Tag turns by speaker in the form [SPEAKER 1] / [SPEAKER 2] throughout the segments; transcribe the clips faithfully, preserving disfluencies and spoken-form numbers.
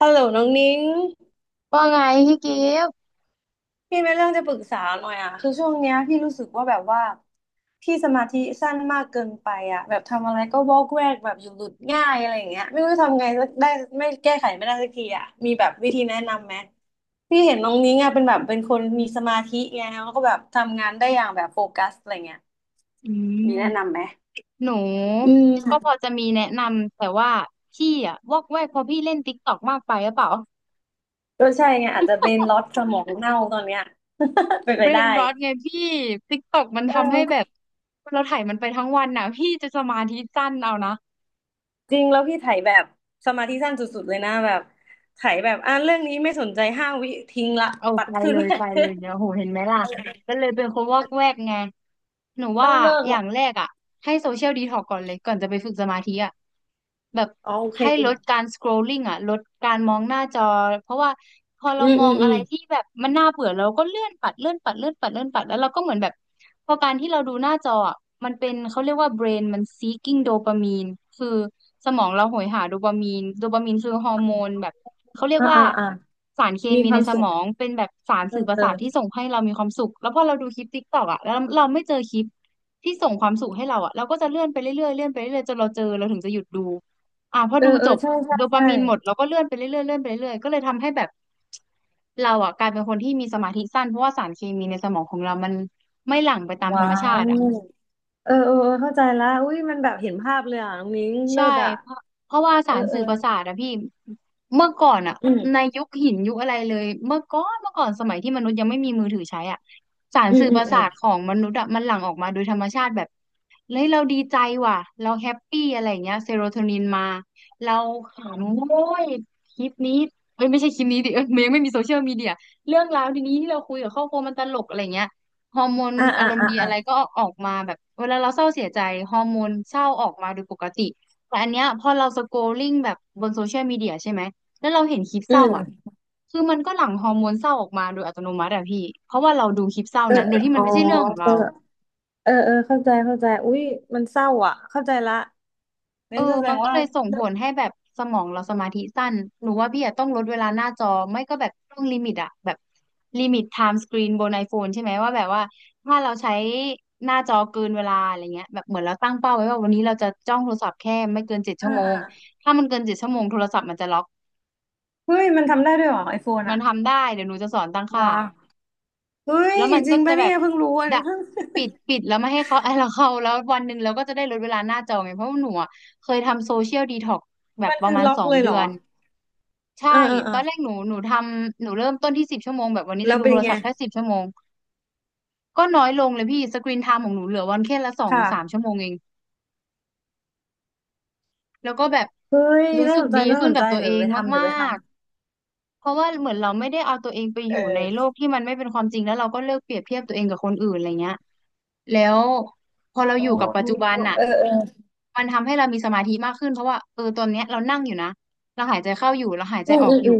[SPEAKER 1] ฮัลโหลน้องนิ้ง
[SPEAKER 2] ว่าไงพี่กิฟต์
[SPEAKER 1] พี่มีเรื่องจะปรึกษาหน่อยอ่ะคือช่วงเนี้ยพี่รู้สึกว่าแบบว่าพี่สมาธิสั้นมากเกินไปอ่ะแบบทำอะไรก็วอกแวกแบบอยู่หลุดง่ายอะไรอย่างเงี้ยไม่รู้ทำไงสักได้ไม่แก้ไขไม่ได้สักทีอ่ะมีแบบวิธีแนะนำไหมพี่เห็นน้องนิ้งอ่ะเป็นแบบเป็นคนมีสมาธิไงแล้วก็แบบทำงานได้อย่างแบบโฟกัสอะไรเงี้ย
[SPEAKER 2] อื
[SPEAKER 1] มีแนะนำ
[SPEAKER 2] ม
[SPEAKER 1] ไหม
[SPEAKER 2] หนู
[SPEAKER 1] อืม
[SPEAKER 2] ก็พอจะมีแนะนำแต่ว่าพี่อะวอกแวกเพราะพี่เล่นติ๊กตอกมากไปหรือเปล่า
[SPEAKER 1] ก็ใช่ไงอาจจะเป็นล็อตสมองเน่าตอนเนี้ย เป็นไป
[SPEAKER 2] เบร
[SPEAKER 1] ได้
[SPEAKER 2] นรอตไงพี่ติ๊กตอกมัน
[SPEAKER 1] เอ
[SPEAKER 2] ทำให้
[SPEAKER 1] อ
[SPEAKER 2] แบบเราถ่ายมันไปทั้งวันน่ะพี่จะสมาธิสั้นเอานะ
[SPEAKER 1] จริงแล้วพี่ไถแบบสมาธิสั้นสุดๆเลยนะแบบไถแบบอ่านเรื่องนี้ไม่สนใจห้าวิทิ้งละ
[SPEAKER 2] เอา
[SPEAKER 1] ปั
[SPEAKER 2] ไป
[SPEAKER 1] ดขึ้
[SPEAKER 2] เล
[SPEAKER 1] น
[SPEAKER 2] ยไปเลยเนี่ยโหเห็นไหมล่ะก็เลยเป็นคนวอกแวกไงหนู
[SPEAKER 1] ต้
[SPEAKER 2] ว่า
[SPEAKER 1] องเลิก
[SPEAKER 2] อย่างแร
[SPEAKER 1] ละ
[SPEAKER 2] กอ่ะให้โซเชียลดีท็อกก่อนเลยก่อนจะไปฝึกสมาธิอ่ะแบบ
[SPEAKER 1] อ๋อโอเค
[SPEAKER 2] ให้ลดการส c คร l ลิ่งอ่ะลดการมองหน้าจอเพราะว่าพอเรา
[SPEAKER 1] อืม
[SPEAKER 2] ม
[SPEAKER 1] อื
[SPEAKER 2] อง
[SPEAKER 1] มอื
[SPEAKER 2] อะไร
[SPEAKER 1] ม
[SPEAKER 2] ที่แบบมันน่าเบื่อเราก็เลื่อนปัดเลื่อนปัดเลื่อนปัดเลื่อนปัดแล้วเราก็เหมือนแบบพอการที่เราดูหน้าจออะมันเป็นเขาเรียกว่า brain มัน seeking โดปามีนคือสมองเราโหยหาโดปามีนโดปามีนคือฮอร์โมนแบบเขาเรียก
[SPEAKER 1] อ่า
[SPEAKER 2] ว่า
[SPEAKER 1] อ่าอ่า
[SPEAKER 2] สารเค
[SPEAKER 1] มี
[SPEAKER 2] มี
[SPEAKER 1] ค
[SPEAKER 2] ใน
[SPEAKER 1] วาม
[SPEAKER 2] ส
[SPEAKER 1] สุ
[SPEAKER 2] ม
[SPEAKER 1] ข
[SPEAKER 2] องเป็นแบบสาร
[SPEAKER 1] เอ
[SPEAKER 2] สื่อ
[SPEAKER 1] อ
[SPEAKER 2] ประ
[SPEAKER 1] เออ
[SPEAKER 2] สาทที่ส่งให้เรามีความสุขแล้วพอเราดูคลิปติ๊กตอกอ่ะแล้วเราไม่เจอคลิปที่ส่งความสุขให้เราอ่ะเราก็จะเลื่อนไปเรื่อยๆเลื่อนไปเรื่อยๆจนเราเจอเราถึงจะหยุดดูอ่ะพอ
[SPEAKER 1] เออ
[SPEAKER 2] ดู
[SPEAKER 1] เอ
[SPEAKER 2] จ
[SPEAKER 1] อ
[SPEAKER 2] บ
[SPEAKER 1] ใช่ใช่
[SPEAKER 2] โดปา
[SPEAKER 1] ใช่
[SPEAKER 2] มีนหมดเราก็เลื่อนไปเรื่อยๆเลื่อนไปเรื่อยๆก็เลยทำให้แบบเราอ่ะกลายเป็นคนที่มีสมาธิสั้นเพราะว่าสารเคมีในสมองของเรามันไม่หลั่งไปตามธร
[SPEAKER 1] ว้า
[SPEAKER 2] รมชา
[SPEAKER 1] ว
[SPEAKER 2] ติอะ
[SPEAKER 1] เออเออเออเข้าใจละอุ้ยมันแบบเห็นภาพเลยอ่ะน้องนิ้งเลิ
[SPEAKER 2] ใช่
[SPEAKER 1] ศอ่ะ
[SPEAKER 2] เพราะเพราะว่า
[SPEAKER 1] เอ
[SPEAKER 2] สา
[SPEAKER 1] อ
[SPEAKER 2] ร
[SPEAKER 1] เออ
[SPEAKER 2] สื่อประสาทอะพี่เมื่อก่อนอะ
[SPEAKER 1] อืม
[SPEAKER 2] ในยุคหินยุคอะไรเลยเมื่อก่อนเมื่อก่อนสมัยที่มนุษย์ยังไม่มีมือถือใช้อะสาร
[SPEAKER 1] อืม
[SPEAKER 2] สื่อ
[SPEAKER 1] อื
[SPEAKER 2] ป
[SPEAKER 1] ม
[SPEAKER 2] ระ
[SPEAKER 1] อื
[SPEAKER 2] สา
[SPEAKER 1] ม
[SPEAKER 2] ทของมนุษย์อะมันหลั่งออกมาโดยธรรมชาติแบบเฮ้ยเราดีใจว่ะเราแฮปปี้อะไรอย่างเงี้ยเซโรโทนินมาเราขำโอ้ยคลิปนี้เอ้ยไม่ใช่คลิปนี้ดิเอ้ยมันยังไม่มีโซเชียลมีเดียเรื่องราวดีนี้ที่เราคุยกับครอบครัวมันตลกอะไรเงี้ยฮอร์โมน
[SPEAKER 1] อ่า
[SPEAKER 2] อา
[SPEAKER 1] อ่า
[SPEAKER 2] รมณ์
[SPEAKER 1] อ่า
[SPEAKER 2] ดีอะไร
[SPEAKER 1] อ่า
[SPEAKER 2] ก็ออกมาแบบเวลาเราเศร้าเสียใจฮอร์โมนเศร้าออกมาโดยปกติ แต่อันเนี้ยพอเราสโกลลิ่งแบบบนโซเชียลมีเดียใช่ไหม แล้วเราเห็นคลิป
[SPEAKER 1] อื
[SPEAKER 2] เศร้าอ่ะ
[SPEAKER 1] ม
[SPEAKER 2] คือมันก็หลั่งฮอร์โมนเศร้าออกมาโดยอัตโนมัติอะพี่ เพราะว่าเราดูคลิปเศร้า
[SPEAKER 1] เออ
[SPEAKER 2] นั้นโด
[SPEAKER 1] เอ
[SPEAKER 2] ยที่
[SPEAKER 1] อ๋
[SPEAKER 2] มัน
[SPEAKER 1] อ
[SPEAKER 2] ไม่ใช่เรื่องของ
[SPEAKER 1] เอ
[SPEAKER 2] เรา
[SPEAKER 1] อเออเออเข้าใจเข้าใจอุ้ยมันเศร้าอ่ะเข้าใจละ
[SPEAKER 2] เอ
[SPEAKER 1] งั้
[SPEAKER 2] อ
[SPEAKER 1] นก็แสด
[SPEAKER 2] มัน
[SPEAKER 1] ง
[SPEAKER 2] ก็
[SPEAKER 1] ว่า
[SPEAKER 2] เลยส่งผลให้แบบสมองเราสมาธิสั้นหนูว่าพี่อะต้องลดเวลาหน้าจอ ไม่ก็แบบต้องลิมิตอะแบบลิมิตไทม์สกรีนบนไอโฟนใช่ไหมว่าแบบว่าถ้าเราใช้หน้าจอเกินเวลาอะไรเงี้ยแบบเหมือนเราตั้งเป้าไว้ว่าวันนี้เราจะจ้องโทรศัพท์แค่ไม่เกินเจ็ด
[SPEAKER 1] อ่า
[SPEAKER 2] ชั่วโม
[SPEAKER 1] อ่า
[SPEAKER 2] งถ้ามันเกินเจ็ดชั่วโมงโทรศัพท์มันจะล็อก
[SPEAKER 1] เฮ้ยมันทำได้ด้วยเหรอไอโฟน
[SPEAKER 2] มัน
[SPEAKER 1] อ่ะ
[SPEAKER 2] ทำได้ เดี๋ยวหนูจะสอนตั้งค่า
[SPEAKER 1] ว้าวเฮ้ย
[SPEAKER 2] แล้วมัน
[SPEAKER 1] จริ
[SPEAKER 2] ก็
[SPEAKER 1] ง
[SPEAKER 2] จะ
[SPEAKER 1] ปะ
[SPEAKER 2] แบ
[SPEAKER 1] เนี่
[SPEAKER 2] บ
[SPEAKER 1] ยเพิ่งรู้อัน
[SPEAKER 2] ดะ
[SPEAKER 1] นี้ เพิ่ง
[SPEAKER 2] ปิด ปิดแล้วไม่ให้เขา ไอ้เราเข้าแล้ววันหนึ่งเราก็จะได้ลดเวลาหน้าจอไง เพราะว่าหนูอะเคยทำโซเชียลดีท็อกแบ บ
[SPEAKER 1] มัน
[SPEAKER 2] ประ
[SPEAKER 1] คือ
[SPEAKER 2] มาณ
[SPEAKER 1] ล็อก
[SPEAKER 2] สอง
[SPEAKER 1] เลยเห
[SPEAKER 2] เดื
[SPEAKER 1] ร
[SPEAKER 2] อ
[SPEAKER 1] อ
[SPEAKER 2] น ใช่
[SPEAKER 1] เออเออเอ
[SPEAKER 2] ต
[SPEAKER 1] อ
[SPEAKER 2] อนแรกหนู หนูทำหนูเริ่มต้นที่สิบชั่วโมง แบบวันนี้
[SPEAKER 1] แล้
[SPEAKER 2] จะ
[SPEAKER 1] ว
[SPEAKER 2] ดู
[SPEAKER 1] เป็
[SPEAKER 2] โท
[SPEAKER 1] น
[SPEAKER 2] ร
[SPEAKER 1] ไง
[SPEAKER 2] ศัพท์แค่สิบชั่วโมง ก็น้อยลงเลยพี่สกรีนไทม์ของหนูเหลือวันแค่ละสอ
[SPEAKER 1] ค
[SPEAKER 2] งสามชั่ว
[SPEAKER 1] ่ะ
[SPEAKER 2] โมงเองแล้วก็แบบ
[SPEAKER 1] เฮ้ย
[SPEAKER 2] รู้
[SPEAKER 1] น่า
[SPEAKER 2] สึ
[SPEAKER 1] ส
[SPEAKER 2] ก
[SPEAKER 1] นใจ
[SPEAKER 2] ดี
[SPEAKER 1] น่า
[SPEAKER 2] ขึ้
[SPEAKER 1] ส
[SPEAKER 2] น
[SPEAKER 1] น
[SPEAKER 2] กั
[SPEAKER 1] ใจ
[SPEAKER 2] บตัว
[SPEAKER 1] เดี๋
[SPEAKER 2] เอ
[SPEAKER 1] ยว
[SPEAKER 2] ง
[SPEAKER 1] ไปทำเดี๋ย
[SPEAKER 2] มา
[SPEAKER 1] วไปทำ
[SPEAKER 2] ก เพราะว่าเหมือนเราไม่ได้เอาตัวเองไปอ
[SPEAKER 1] เ
[SPEAKER 2] ยู่ในโล
[SPEAKER 1] ออ
[SPEAKER 2] กที่มันไม่เป็นความจริงแล้วเราก็เลิกเปรียบเทียบตัวเองกับคนอื่นอะไรเงี้ยแล้วพอเรา
[SPEAKER 1] โอ้
[SPEAKER 2] อยู่กับปัจจุบันน่ะ
[SPEAKER 1] เออเออ
[SPEAKER 2] มันทำให้เรามีสมาธิมากขึ้นเพราะว่าเออตอนเนี้ยเรานั่งอยู่นะ เราหายใจเข้าอยู่ เราหายใจ
[SPEAKER 1] อืม
[SPEAKER 2] ออ
[SPEAKER 1] อื
[SPEAKER 2] ก
[SPEAKER 1] ม
[SPEAKER 2] อ
[SPEAKER 1] อื
[SPEAKER 2] ยู่
[SPEAKER 1] ม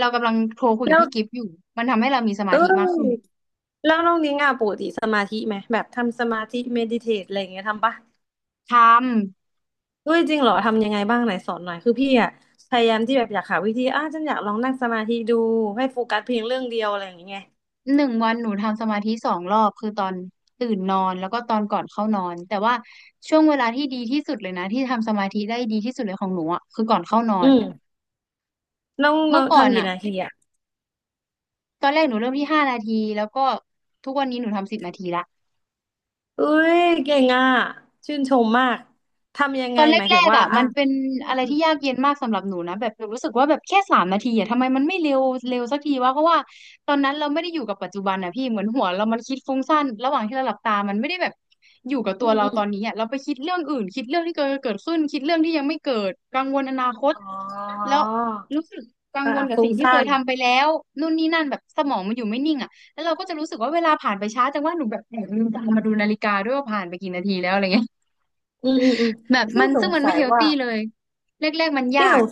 [SPEAKER 2] เรากำลังโทรคุยกั
[SPEAKER 1] แล้
[SPEAKER 2] บ
[SPEAKER 1] ว
[SPEAKER 2] พี่กิฟต์อยู่มันทำให้เรามีส
[SPEAKER 1] เ
[SPEAKER 2] มาธิมากขึ้น
[SPEAKER 1] ออแล้วน้องนิ้งอ่ะปกติสมาธิไหมแบบทำสมาธิเมดิเทตอะไรอย่างเงี้ยทำปะ
[SPEAKER 2] ทำ
[SPEAKER 1] เฮ้ยจริงเหรอทำยังไงบ้างไหนสอนหน่อยคือพี่อ่ะพยายามที่แบบอยากหาวิธีอ่ะฉันอยากลองนั่งสมาธิดูให้โฟกัสเพียงเรื่องเดียวอะไรอย่างเงี้ย
[SPEAKER 2] หนึ่งวันหนูทำสมาธิสองรอบคือตอนตื่นนอนแล้วก็ตอนก่อนเข้านอนแต่ว่าช่วงเวลาที่ดีที่สุดเลยนะที่ทำสมาธิได้ดีที่สุดเลยของหนูอ่ะคือก่อนเข้านอ
[SPEAKER 1] อื
[SPEAKER 2] น
[SPEAKER 1] ม น้อง
[SPEAKER 2] เมื่
[SPEAKER 1] เรา
[SPEAKER 2] อก่อน
[SPEAKER 1] ทำกี่
[SPEAKER 2] อะ
[SPEAKER 1] นาทีอ่ะ
[SPEAKER 2] ตอนแรกหนูเริ่มที่ห้านาที แล้วก็ทุกวันนี้หนูทำสิบนาทีละ
[SPEAKER 1] เอ้ยเก่งอ่ะชื่นชมมากทำยัง
[SPEAKER 2] ต
[SPEAKER 1] ไง
[SPEAKER 2] อนแ
[SPEAKER 1] หมาย
[SPEAKER 2] ร
[SPEAKER 1] ถึง
[SPEAKER 2] กๆ
[SPEAKER 1] ว่า
[SPEAKER 2] อ่ะ
[SPEAKER 1] อ่ะ
[SPEAKER 2] มันเป็น
[SPEAKER 1] อื
[SPEAKER 2] อะไร
[SPEAKER 1] ม
[SPEAKER 2] ที่ยากเย็นมากสำหรับหนูนะแบบหนูรู้สึกว่าแบบแค่สามนาทีอ่ะทำไมมันไม่เร็วเร็วสักทีวะเพราะว่าตอนนั้นเราไม่ได้อยู่กับปัจจุบันอ่ะพี่เหมือนหัวเรามันคิดฟุ้งซ่านระหว่างที่เราหลับตามันไม่ได้แบบอยู่กับ
[SPEAKER 1] อื
[SPEAKER 2] ตัว
[SPEAKER 1] ม
[SPEAKER 2] เรา
[SPEAKER 1] อืมอ
[SPEAKER 2] ตอนนี้
[SPEAKER 1] ม
[SPEAKER 2] อ่ะเราไปคิดเรื่องอื่นคิดเรื่องที่เกิดเกิดขึ้นคิดเรื่องที่ยังไม่เกิดกังวลอนาคต
[SPEAKER 1] อ๋อ
[SPEAKER 2] แล้วรู้สึกกัง
[SPEAKER 1] อ่ะ
[SPEAKER 2] วลกับ
[SPEAKER 1] ฟุ้
[SPEAKER 2] สิ่
[SPEAKER 1] ง
[SPEAKER 2] งที่เค
[SPEAKER 1] ซ่า
[SPEAKER 2] ย
[SPEAKER 1] น
[SPEAKER 2] ทำไปแล้วนู่นนี่นั่นแบบสมองมันอยู่ไม่นิ่งอ่ะแล้วเราก็จะรู้สึกว่าเวลาผ่านไปช้าจังว่าหนูแบบแอบลืมตามาดูนาฬิกาด้วยว่าผ่านไปกี่นาทีแล้วอะไรเงี้ย
[SPEAKER 1] อืมอืมอืม
[SPEAKER 2] แบบ
[SPEAKER 1] พี่
[SPEAKER 2] มัน
[SPEAKER 1] ส
[SPEAKER 2] ซึ่
[SPEAKER 1] ง
[SPEAKER 2] งมัน
[SPEAKER 1] สั
[SPEAKER 2] ไม่
[SPEAKER 1] ย
[SPEAKER 2] เฮล
[SPEAKER 1] ว่า
[SPEAKER 2] ตี้เลยแรกๆมันยา
[SPEAKER 1] พี่ส
[SPEAKER 2] ก
[SPEAKER 1] ง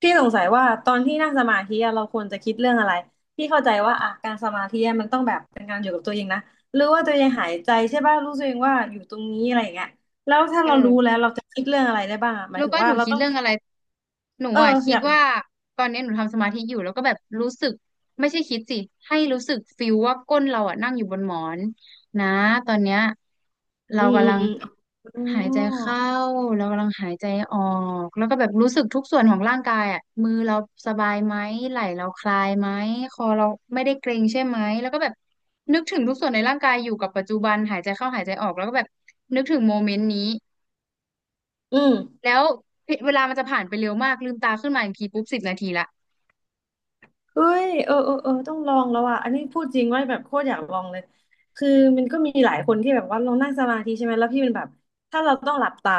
[SPEAKER 1] พี่สงสัยว่าตอนที่นั่งสมาธิอะเราควรจะคิดเรื่องอะไรพี่เข้าใจว่าอ่ะการสมาธิอะมันต้องแบบเป็นการอยู่กับตัวเองนะหรือว่าตัวเองหายใจใช่ป่ะรู้ตัวเองว่าอยู่ตรงนี้อะไรอย่างเงี้ยแล้วถ้า
[SPEAKER 2] เอ
[SPEAKER 1] เรา
[SPEAKER 2] อ
[SPEAKER 1] รู้แล้วเราจะคิดเรื่องอะไรได้บ้างอะหมาย
[SPEAKER 2] รู้
[SPEAKER 1] ถึง
[SPEAKER 2] ป่ะห
[SPEAKER 1] ว่า
[SPEAKER 2] นู
[SPEAKER 1] เรา
[SPEAKER 2] คิด
[SPEAKER 1] ต้อง
[SPEAKER 2] เรื่อ
[SPEAKER 1] คิ
[SPEAKER 2] ง
[SPEAKER 1] ด
[SPEAKER 2] อะไร
[SPEAKER 1] ว่า
[SPEAKER 2] หนู
[SPEAKER 1] เออ
[SPEAKER 2] อ่ะคิ
[SPEAKER 1] อ
[SPEAKER 2] ด
[SPEAKER 1] ยากรู้
[SPEAKER 2] ว่าตอนนี้หนูทำสมาธิอยู่แล้วก็แบบรู้สึกไม่ใช่คิดสิให้รู้สึกฟิลว่าก้นเราอ่ะนั่งอยู่บนหมอนนะตอนเนี้ยเรา
[SPEAKER 1] อืมอื
[SPEAKER 2] กำ
[SPEAKER 1] ม
[SPEAKER 2] ลัง
[SPEAKER 1] อืม อ๋
[SPEAKER 2] หายใจ
[SPEAKER 1] อ
[SPEAKER 2] เข้าเรากำลังหายใจออกแล้วก็แบบรู้สึกทุกส่วนของร่างกายอ่ะมือเราสบายไหมไหล่เราคลายไหมคอเราไม่ได้เกร็งใช่ไหมแล้วก็แบบนึกถึงทุกส่วนในร่างกายอยู่กับปัจจุบันหายใจเข้าหายใจออกแล้วก็แบบนึกถึงโมเมนต์นี้
[SPEAKER 1] อืม
[SPEAKER 2] แล้วเวลามันจะผ่านไปเร็วมาก ลืมตาขึ้นมาอีกทีปุ๊บสิบนาทีละ
[SPEAKER 1] เฮ้ยเออเออเออต้องลองแล้วอ่ะอันนี้พูดจริงว่าแบบโคตรอยากลองเลยคือมันก็มีหลายคนที่แบบว่าลองนั่งสมาธิใช่ไหมแล้วพี่เป็นแบบถ้าเราต้องหลับตา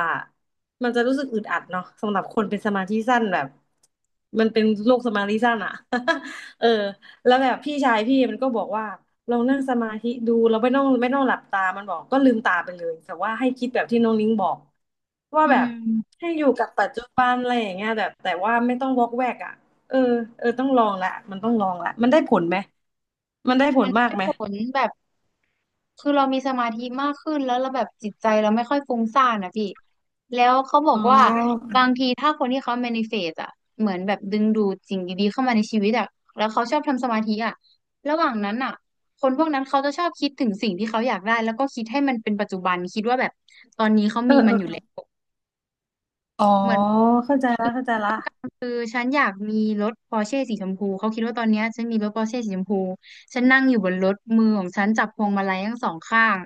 [SPEAKER 1] มันจะรู้สึกอึดอัดเนาะสำหรับคนเป็นสมาธิสั้นแบบมันเป็นโรคสมาธิสั้นอ่ะ เออแล้วแบบพี่ชายพี่มันก็บอกว่าลองนั่งสมาธิดูเราไม่ต้องไม่ต้องหลับตามันบอกก็ลืมตาไปเลยแต่ว่าให้คิดแบบที่น้องนิ้งบอกว่า
[SPEAKER 2] อื
[SPEAKER 1] แบบ
[SPEAKER 2] ม
[SPEAKER 1] ให้อยู่กับปัจจุบันอะไรอย่างเงี้ยแบบแต่ว่าไม่ต้องวอกแวกอ่ะ เออเออต้องลองละมันต้องลองละ มันได้ผลไหมมันได้ผ
[SPEAKER 2] มั
[SPEAKER 1] ล
[SPEAKER 2] น
[SPEAKER 1] มาก
[SPEAKER 2] ได้
[SPEAKER 1] ไหม
[SPEAKER 2] ผลแบบคือเรามีสมาธิมากขึ้นแล้วเราแบบจิตใจเราไม่ค่อยฟุ้งซ่านนะพี่แล้วเขาบอก
[SPEAKER 1] อ๋อ
[SPEAKER 2] ว่าบางทีถ้าคนที่เขา แมนิเฟสต์ อ่ะเหมือนแบบดึงดูดสิ่งดีๆเข้ามาในชีวิตอ่ะแล้วเขาชอบทำสมาธิอ่ะระหว่างนั้นอ่ะคนพวกนั้นเขาจะชอบคิดถึงสิ่งที่เขาอยากได้แล้วก็คิดให้มันเป็นปัจจุบันคิดว่าแบบตอนนี้เขา
[SPEAKER 1] เออ
[SPEAKER 2] มีมั
[SPEAKER 1] เอ
[SPEAKER 2] น
[SPEAKER 1] อ
[SPEAKER 2] อ
[SPEAKER 1] เอ
[SPEAKER 2] ยู่
[SPEAKER 1] อ
[SPEAKER 2] แล้ว
[SPEAKER 1] อ๋อ
[SPEAKER 2] เหมือน
[SPEAKER 1] เข้าใจละเข้าใจละ
[SPEAKER 2] คือฉันอยากมีรถปอร์เช่สีชมพูเขาคิดว่าตอนเนี้ยฉันมีรถปอร์เช่สีชมพูฉันนั่งอยู่บนรถมือของฉันจับพวงมาลัยทั้งสองข้าง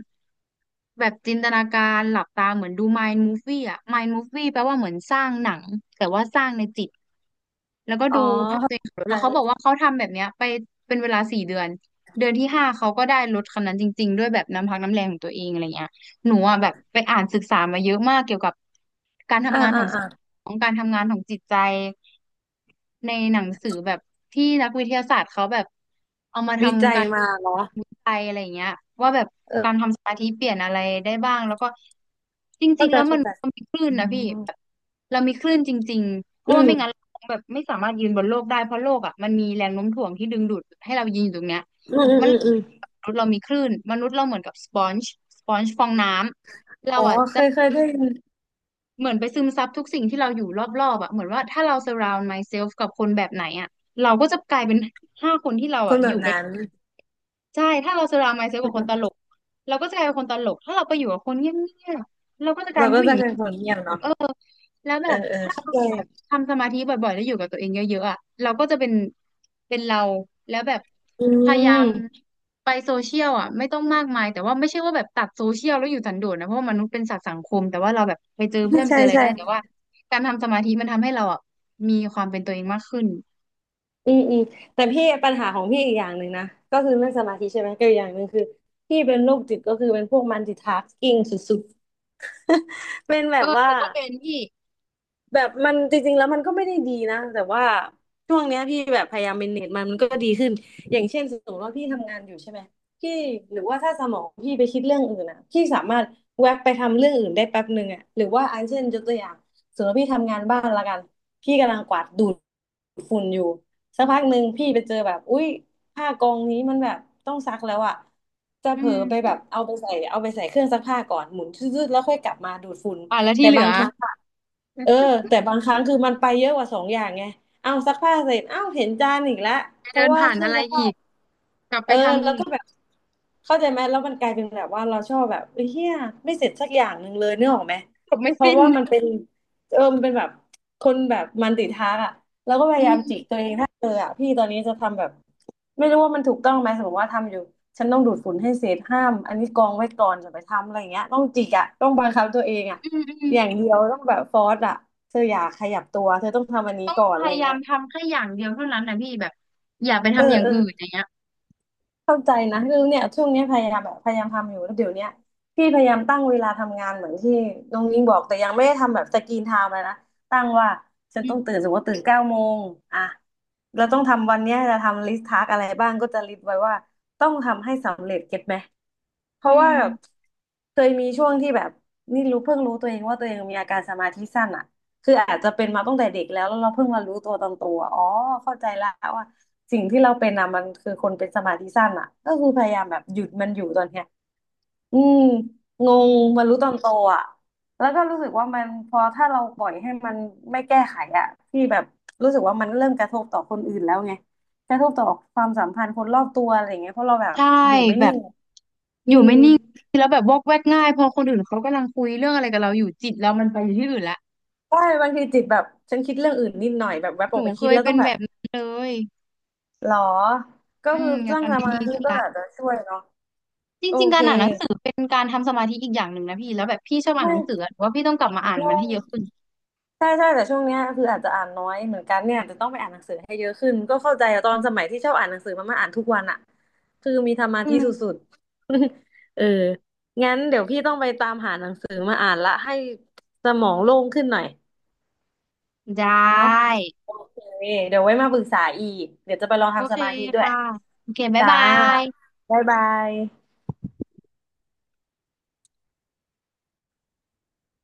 [SPEAKER 2] แบบจินตนาการหลับตาเหมือนดู Mind Movie อะ Mind Movie แปลว่าเหมือนสร้างหนังแต่ว่าสร้างในจิตแล้วก็
[SPEAKER 1] อ๋อ
[SPEAKER 2] ดูภาพตั
[SPEAKER 1] เข้า
[SPEAKER 2] วเองขับรถ
[SPEAKER 1] ใจ
[SPEAKER 2] แล้วเขา
[SPEAKER 1] ล
[SPEAKER 2] บอกว่า
[SPEAKER 1] ะ
[SPEAKER 2] เขาทำแบบเนี้ยไปเป็นเวลาสี่เดือนเดือนที่ห้าเขาก็ได้รถคันนั้นจริงๆด้วยแบบน้ำพักน้ำแรงของตัวเองอะไรเงี้ย หนูอ่ะแบบไปอ่านศึกษามาเยอะมากเกี่ยวกับการ
[SPEAKER 1] อ่า
[SPEAKER 2] ทำงานข
[SPEAKER 1] อ่า
[SPEAKER 2] องส
[SPEAKER 1] อ่า
[SPEAKER 2] มองการทำงานของจิตใจ ในหนังสือแบบที่นักวิทยาศาสตร์เขาแบบเอามา
[SPEAKER 1] วิจั
[SPEAKER 2] ทำ
[SPEAKER 1] ย
[SPEAKER 2] การ
[SPEAKER 1] มาเหรอ
[SPEAKER 2] วิจัยอะไรอย่างเงี้ยว่าแบบ
[SPEAKER 1] เออ
[SPEAKER 2] การทำสมาธิเปลี่ยนอะไรได้บ้างแล้วก็จริ
[SPEAKER 1] เข้า
[SPEAKER 2] งๆ
[SPEAKER 1] ใจ
[SPEAKER 2] แล้วมั
[SPEAKER 1] เข้า
[SPEAKER 2] น
[SPEAKER 1] ใจ
[SPEAKER 2] มันมีคลื่น
[SPEAKER 1] อื
[SPEAKER 2] นะพี่แบบ
[SPEAKER 1] ม
[SPEAKER 2] เรามีคลื่นจริงๆเพ
[SPEAKER 1] อื
[SPEAKER 2] ราะว่า
[SPEAKER 1] ม
[SPEAKER 2] ไม่งั้นเราคงแบบไม่สามารถยืนบนโลกได้เพราะโลกอ่ะมันมีแรงโน้มถ่วงที่ดึงดูดให้เรายืนอยู่ตรงเนี้ย
[SPEAKER 1] อืมอืม
[SPEAKER 2] มัน
[SPEAKER 1] อืมอม
[SPEAKER 2] มนุษย์เรามีคลื่นมนุษย์เราเหมือนกับสปอนจ์สปอนจ์ฟองน้ำเรา
[SPEAKER 1] อ๋อ
[SPEAKER 2] อ่ะ
[SPEAKER 1] เค
[SPEAKER 2] จะ
[SPEAKER 1] ยเคยได้ยิน
[SPEAKER 2] เหมือนไปซึมซับทุกสิ่งที่เราอยู่รอบๆอ่ะเหมือนว่าถ้าเรา surround myself กับคนแบบไหนอ่ะเราก็จะกลายเป็นห้าคนที่เรา
[SPEAKER 1] คน
[SPEAKER 2] อ่ะ
[SPEAKER 1] แบ
[SPEAKER 2] อ
[SPEAKER 1] บ
[SPEAKER 2] ยู่ใก
[SPEAKER 1] นั้น
[SPEAKER 2] ล้ใช่ถ้าเรา surround myself กับคนตลกเราก็จะกลายเป็นคนตลกถ้าเราไปอยู่กับคนเงียบๆเราก็จะกลาย
[SPEAKER 1] เรา
[SPEAKER 2] เป็น
[SPEAKER 1] ก็
[SPEAKER 2] ผู้หญิ
[SPEAKER 1] จะ
[SPEAKER 2] ง
[SPEAKER 1] เป็นคนเงียบเนาะ
[SPEAKER 2] แล้วแบ
[SPEAKER 1] เออ
[SPEAKER 2] บ
[SPEAKER 1] เออ
[SPEAKER 2] ถ้า
[SPEAKER 1] เข้า
[SPEAKER 2] เรา
[SPEAKER 1] ใจ
[SPEAKER 2] แบบทำสมาธิบ่อยๆแล้วอยู่กับตัวเองเยอะๆอ่ะเราก็จะเป็นเป็นเราแล้วแบบ
[SPEAKER 1] อื
[SPEAKER 2] พยายาม
[SPEAKER 1] ม
[SPEAKER 2] ไปโซเชียลอ่ะไม่ต้องมากมายแต่ว่าไม่ใช่ว่าแบบตัดโซเชียลแล้วอยู่สันโดษนะเพราะว่ามนุษย์เป็นสัตว์สังคมแต่ว่าเราแบบไปเจอเพื่อนไป
[SPEAKER 1] ใช่
[SPEAKER 2] เจออะไร
[SPEAKER 1] ใช่
[SPEAKER 2] ได้แต่ว่าการทำสมาธิมันทำให้เราอ่ะมีความเป็นตัวเองมากขึ้น
[SPEAKER 1] อืมอืมแต่พี่ปัญหาของพี่อีกอย่างหนึ่งนะก็คือเรื่องสมาธิใช่ไหมก็อีกอย่างหนึ่งคือพี่เป็นโรคจิตก็คือเป็นพวกมัลติทาสกิ้งสุดๆเป็นแบ
[SPEAKER 2] เออ
[SPEAKER 1] บ
[SPEAKER 2] ห
[SPEAKER 1] ว่า
[SPEAKER 2] นูก็เป็นพี่
[SPEAKER 1] แบบมันจริงๆแล้วมันก็ไม่ได้ดีนะแต่ว่าช่วงเนี้ยพี่แบบพยายามเมนเนจมันมันก็ดีขึ้นอย่างเช่นสมมติว่าพี่ทำงานอยู่ใช่ไหมพี่หรือว่าถ้าสมองพี่ไปคิดเรื่องอื่นอ่ะพี่สามารถแวบไปทำเรื่องอื่นได้แป๊บหนึ่งอ่ะหรือว่าอันเช่นยกตัวอย่างสมมติว่าพี่ทำงานบ้านละกันพี่กำลังกวาดดูดฝุ่นอยู่สักพักหนึ่งพี่ไปเจอแบบอุ๊ยผ้ากองนี้มันแบบต้องซักแล้วอ่ะจะ
[SPEAKER 2] อื
[SPEAKER 1] เผลอ
[SPEAKER 2] ม
[SPEAKER 1] ไปแบบเอาไปใส่เอาไปใส่เครื่องซักผ้าก่อนหมุนชืดๆแล้วค่อยกลับมาดูดฝุ่น
[SPEAKER 2] อ่ะแล้ว
[SPEAKER 1] แต่
[SPEAKER 2] ที่เหลื
[SPEAKER 1] บา
[SPEAKER 2] อ
[SPEAKER 1] งครั้งอะเออแต่บางครั้งคือมันไปเยอะกว่าสองอย่างไงเอาซักผ้าเสร็จ เอ้าเห็นจานอีกแล้ว
[SPEAKER 2] ไป
[SPEAKER 1] เพ
[SPEAKER 2] เดิ
[SPEAKER 1] ราะ
[SPEAKER 2] น
[SPEAKER 1] ว่า
[SPEAKER 2] ผ่าน
[SPEAKER 1] เครื่
[SPEAKER 2] อะ
[SPEAKER 1] อง
[SPEAKER 2] ไร
[SPEAKER 1] ซัก
[SPEAKER 2] อี
[SPEAKER 1] ผ้า
[SPEAKER 2] กกลับ
[SPEAKER 1] เอ
[SPEAKER 2] ไป
[SPEAKER 1] อ
[SPEAKER 2] ทำ
[SPEAKER 1] แล้
[SPEAKER 2] อี
[SPEAKER 1] วก็
[SPEAKER 2] ก
[SPEAKER 1] แบบเข้าใจไหมแล้วมันกลายเป็นแบบว่าเราชอบแบบเฮยเหียไม่เสร็จสักอย่างหนึ่งเลยนึกออกไหม
[SPEAKER 2] จบไม่
[SPEAKER 1] เพราะ
[SPEAKER 2] สิ้น
[SPEAKER 1] ว่ามันเป็นเออมันเป็นแบบคนแบบมันติดทักอ่ะแล้วก็พ
[SPEAKER 2] อื
[SPEAKER 1] ยายามจิ
[SPEAKER 2] ม
[SPEAKER 1] กตัวเองถ้าเอออ่ะพี่ตอนนี้จะทำแบบไม่รู้ว่ามันถูกต้องไหมสมมติว่าทำอยู่ฉันต้องดูดฝุ่นให้เสร็จห้ามอันนี้กองไว้ก่อนจะไปทำอะไรอย่างเงี้ยต้องจิกอ่ะต้องบังคับตัวเองอ่ะ
[SPEAKER 2] อืมอืม
[SPEAKER 1] อย่างเดียวต้องแบบฟอร์สอ่ะเธออย่าขยับตัวเธอต้องทำอันนี้
[SPEAKER 2] ต้อง
[SPEAKER 1] ก่อน
[SPEAKER 2] พ
[SPEAKER 1] อะไร
[SPEAKER 2] ยายา
[SPEAKER 1] เงี้
[SPEAKER 2] ม
[SPEAKER 1] ย
[SPEAKER 2] ทำแค่อย่างเดียวเท่านั้นนะพี่แบบอย่าไป
[SPEAKER 1] เออ
[SPEAKER 2] ทำอย่าง
[SPEAKER 1] เออ
[SPEAKER 2] อื่นอย่างเงี้ย
[SPEAKER 1] เข้าใจนะคือเนี่ยช่วงเนี้ยพยายามแบบพยายามทำอยู่แล้วเดี๋ยวเนี้ยพี่พยายามตั้งเวลาทำงานเหมือนที่น้องนิ้งบอกแต่ยังไม่ได้ทำแบบสกรีนไทม์เลยนะตั้งว่าฉัน
[SPEAKER 2] อื
[SPEAKER 1] ต้องตื่
[SPEAKER 2] ม
[SPEAKER 1] นสมมติว่าตื่นเก้าโมงอ่ะเราต้องทำวันเนี้ยจะทำลิสต์ทาสอะไรบ้างก็จะลิสต์ไว้ว่าต้องทำให้สำเร็จเก็ตไหมเพ
[SPEAKER 2] อื
[SPEAKER 1] ราะว่า
[SPEAKER 2] ม
[SPEAKER 1] เคยมีช่วงที่แบบนี่รู้เพิ่งรู้ตัวเองว่าตัวเองมีอาการสมาธิสั้นอ่ะคืออาจจะเป็นมาตั้งแต่เด็กแล้วแล้วเราเพิ่งมารู้ตัวตอนโตอะอ๋อเข้าใจแล้วว่า สิ่งที่เราเป็นอ่ะมันคือคนเป็นสมาธิสั้นอ่ะก็คือพยายามแบบหยุดมันอยู่ตอนเนี้ยอืมง
[SPEAKER 2] อื
[SPEAKER 1] งมา
[SPEAKER 2] ม
[SPEAKER 1] รู้ตอนโตอ่ะแล้วก็รู้สึกว่ามันพอถ้าเราปล่อยให้มันไม่แก้ไขอ่ะที่แบบรู้สึกว่ามันเริ่มกระทบต่อคนอื่นแล้วไงกระทบต่อความสัมพันธ์คนรอบตัวอะไรอย่างเงี้ยเพราะเราแบบ
[SPEAKER 2] ใช่
[SPEAKER 1] อยู่ไม่
[SPEAKER 2] แบ
[SPEAKER 1] นิ่
[SPEAKER 2] บ
[SPEAKER 1] ง
[SPEAKER 2] อ
[SPEAKER 1] อื
[SPEAKER 2] ยู่
[SPEAKER 1] ม
[SPEAKER 2] ไม่นิ่งแล้วแบบวอกแวกง่ายพอคนอื่นเขากำลังคุยเรื่องอะไรกับเราอยู่จิตเรามันไปอยู่ที่อื่นละ
[SPEAKER 1] ใช่บางทีจิตแบบฉันคิดเรื่องอื่นนิดหน่อยแบบแวบ
[SPEAKER 2] ห
[SPEAKER 1] อ
[SPEAKER 2] นู
[SPEAKER 1] อกไป
[SPEAKER 2] เค
[SPEAKER 1] คิด
[SPEAKER 2] ย
[SPEAKER 1] แล้ว
[SPEAKER 2] เป็
[SPEAKER 1] ต้อ
[SPEAKER 2] น
[SPEAKER 1] งแบ
[SPEAKER 2] แบ
[SPEAKER 1] บ
[SPEAKER 2] บนั้นเลย
[SPEAKER 1] หรอก็
[SPEAKER 2] อื
[SPEAKER 1] คื
[SPEAKER 2] ม
[SPEAKER 1] อ
[SPEAKER 2] อยา
[SPEAKER 1] ส
[SPEAKER 2] ก
[SPEAKER 1] ร้าง
[SPEAKER 2] ทำ
[SPEAKER 1] ส
[SPEAKER 2] ให้
[SPEAKER 1] มา
[SPEAKER 2] ดี
[SPEAKER 1] ธิ
[SPEAKER 2] ขึ้น
[SPEAKER 1] ก็
[SPEAKER 2] ละ
[SPEAKER 1] อาจจะช่วยเนาะ
[SPEAKER 2] จ
[SPEAKER 1] โอ
[SPEAKER 2] ริงๆ
[SPEAKER 1] เค
[SPEAKER 2] การอ่านหนังสือเป็นการทำสมาธิอีกอย่างหนึ่งนะพี่แล้วแบบพี่ชอบอ่านห
[SPEAKER 1] ไม่
[SPEAKER 2] นังสือหรือว่าพี่ต้องกลับมาอ่านมันให้
[SPEAKER 1] งง
[SPEAKER 2] เยอะขึ้น
[SPEAKER 1] ใช่ใช่แต่ช่วงเนี้ยคืออาจจะอ่านน้อยเหมือนกันเนี่ยอาจจะต้องไปอ่านหนังสือให้เยอะขึ้นก็เข้าใจอะตอนสมัยที่ชอบอ่านหนังสือมันมาอ่านทุกวันอะคือมีธรร
[SPEAKER 2] อื
[SPEAKER 1] มาี่
[SPEAKER 2] ม
[SPEAKER 1] สุดๆ เอองั้นเดี๋ยวพี่ต้องไปตามหาหนังสือมาอ่านละให้สมองโล่งขึ้นหน่อย
[SPEAKER 2] ได
[SPEAKER 1] เนาะ
[SPEAKER 2] ้
[SPEAKER 1] โอเคเดี๋ยวไว้มาปรึกษาอีกเดี๋ยวจะไปลอง
[SPEAKER 2] โอ
[SPEAKER 1] ทำส
[SPEAKER 2] เค
[SPEAKER 1] มาธิด้วย
[SPEAKER 2] ค่ะโอเคบ๊าย
[SPEAKER 1] จ้า
[SPEAKER 2] บาย
[SPEAKER 1] บ๊ายบาย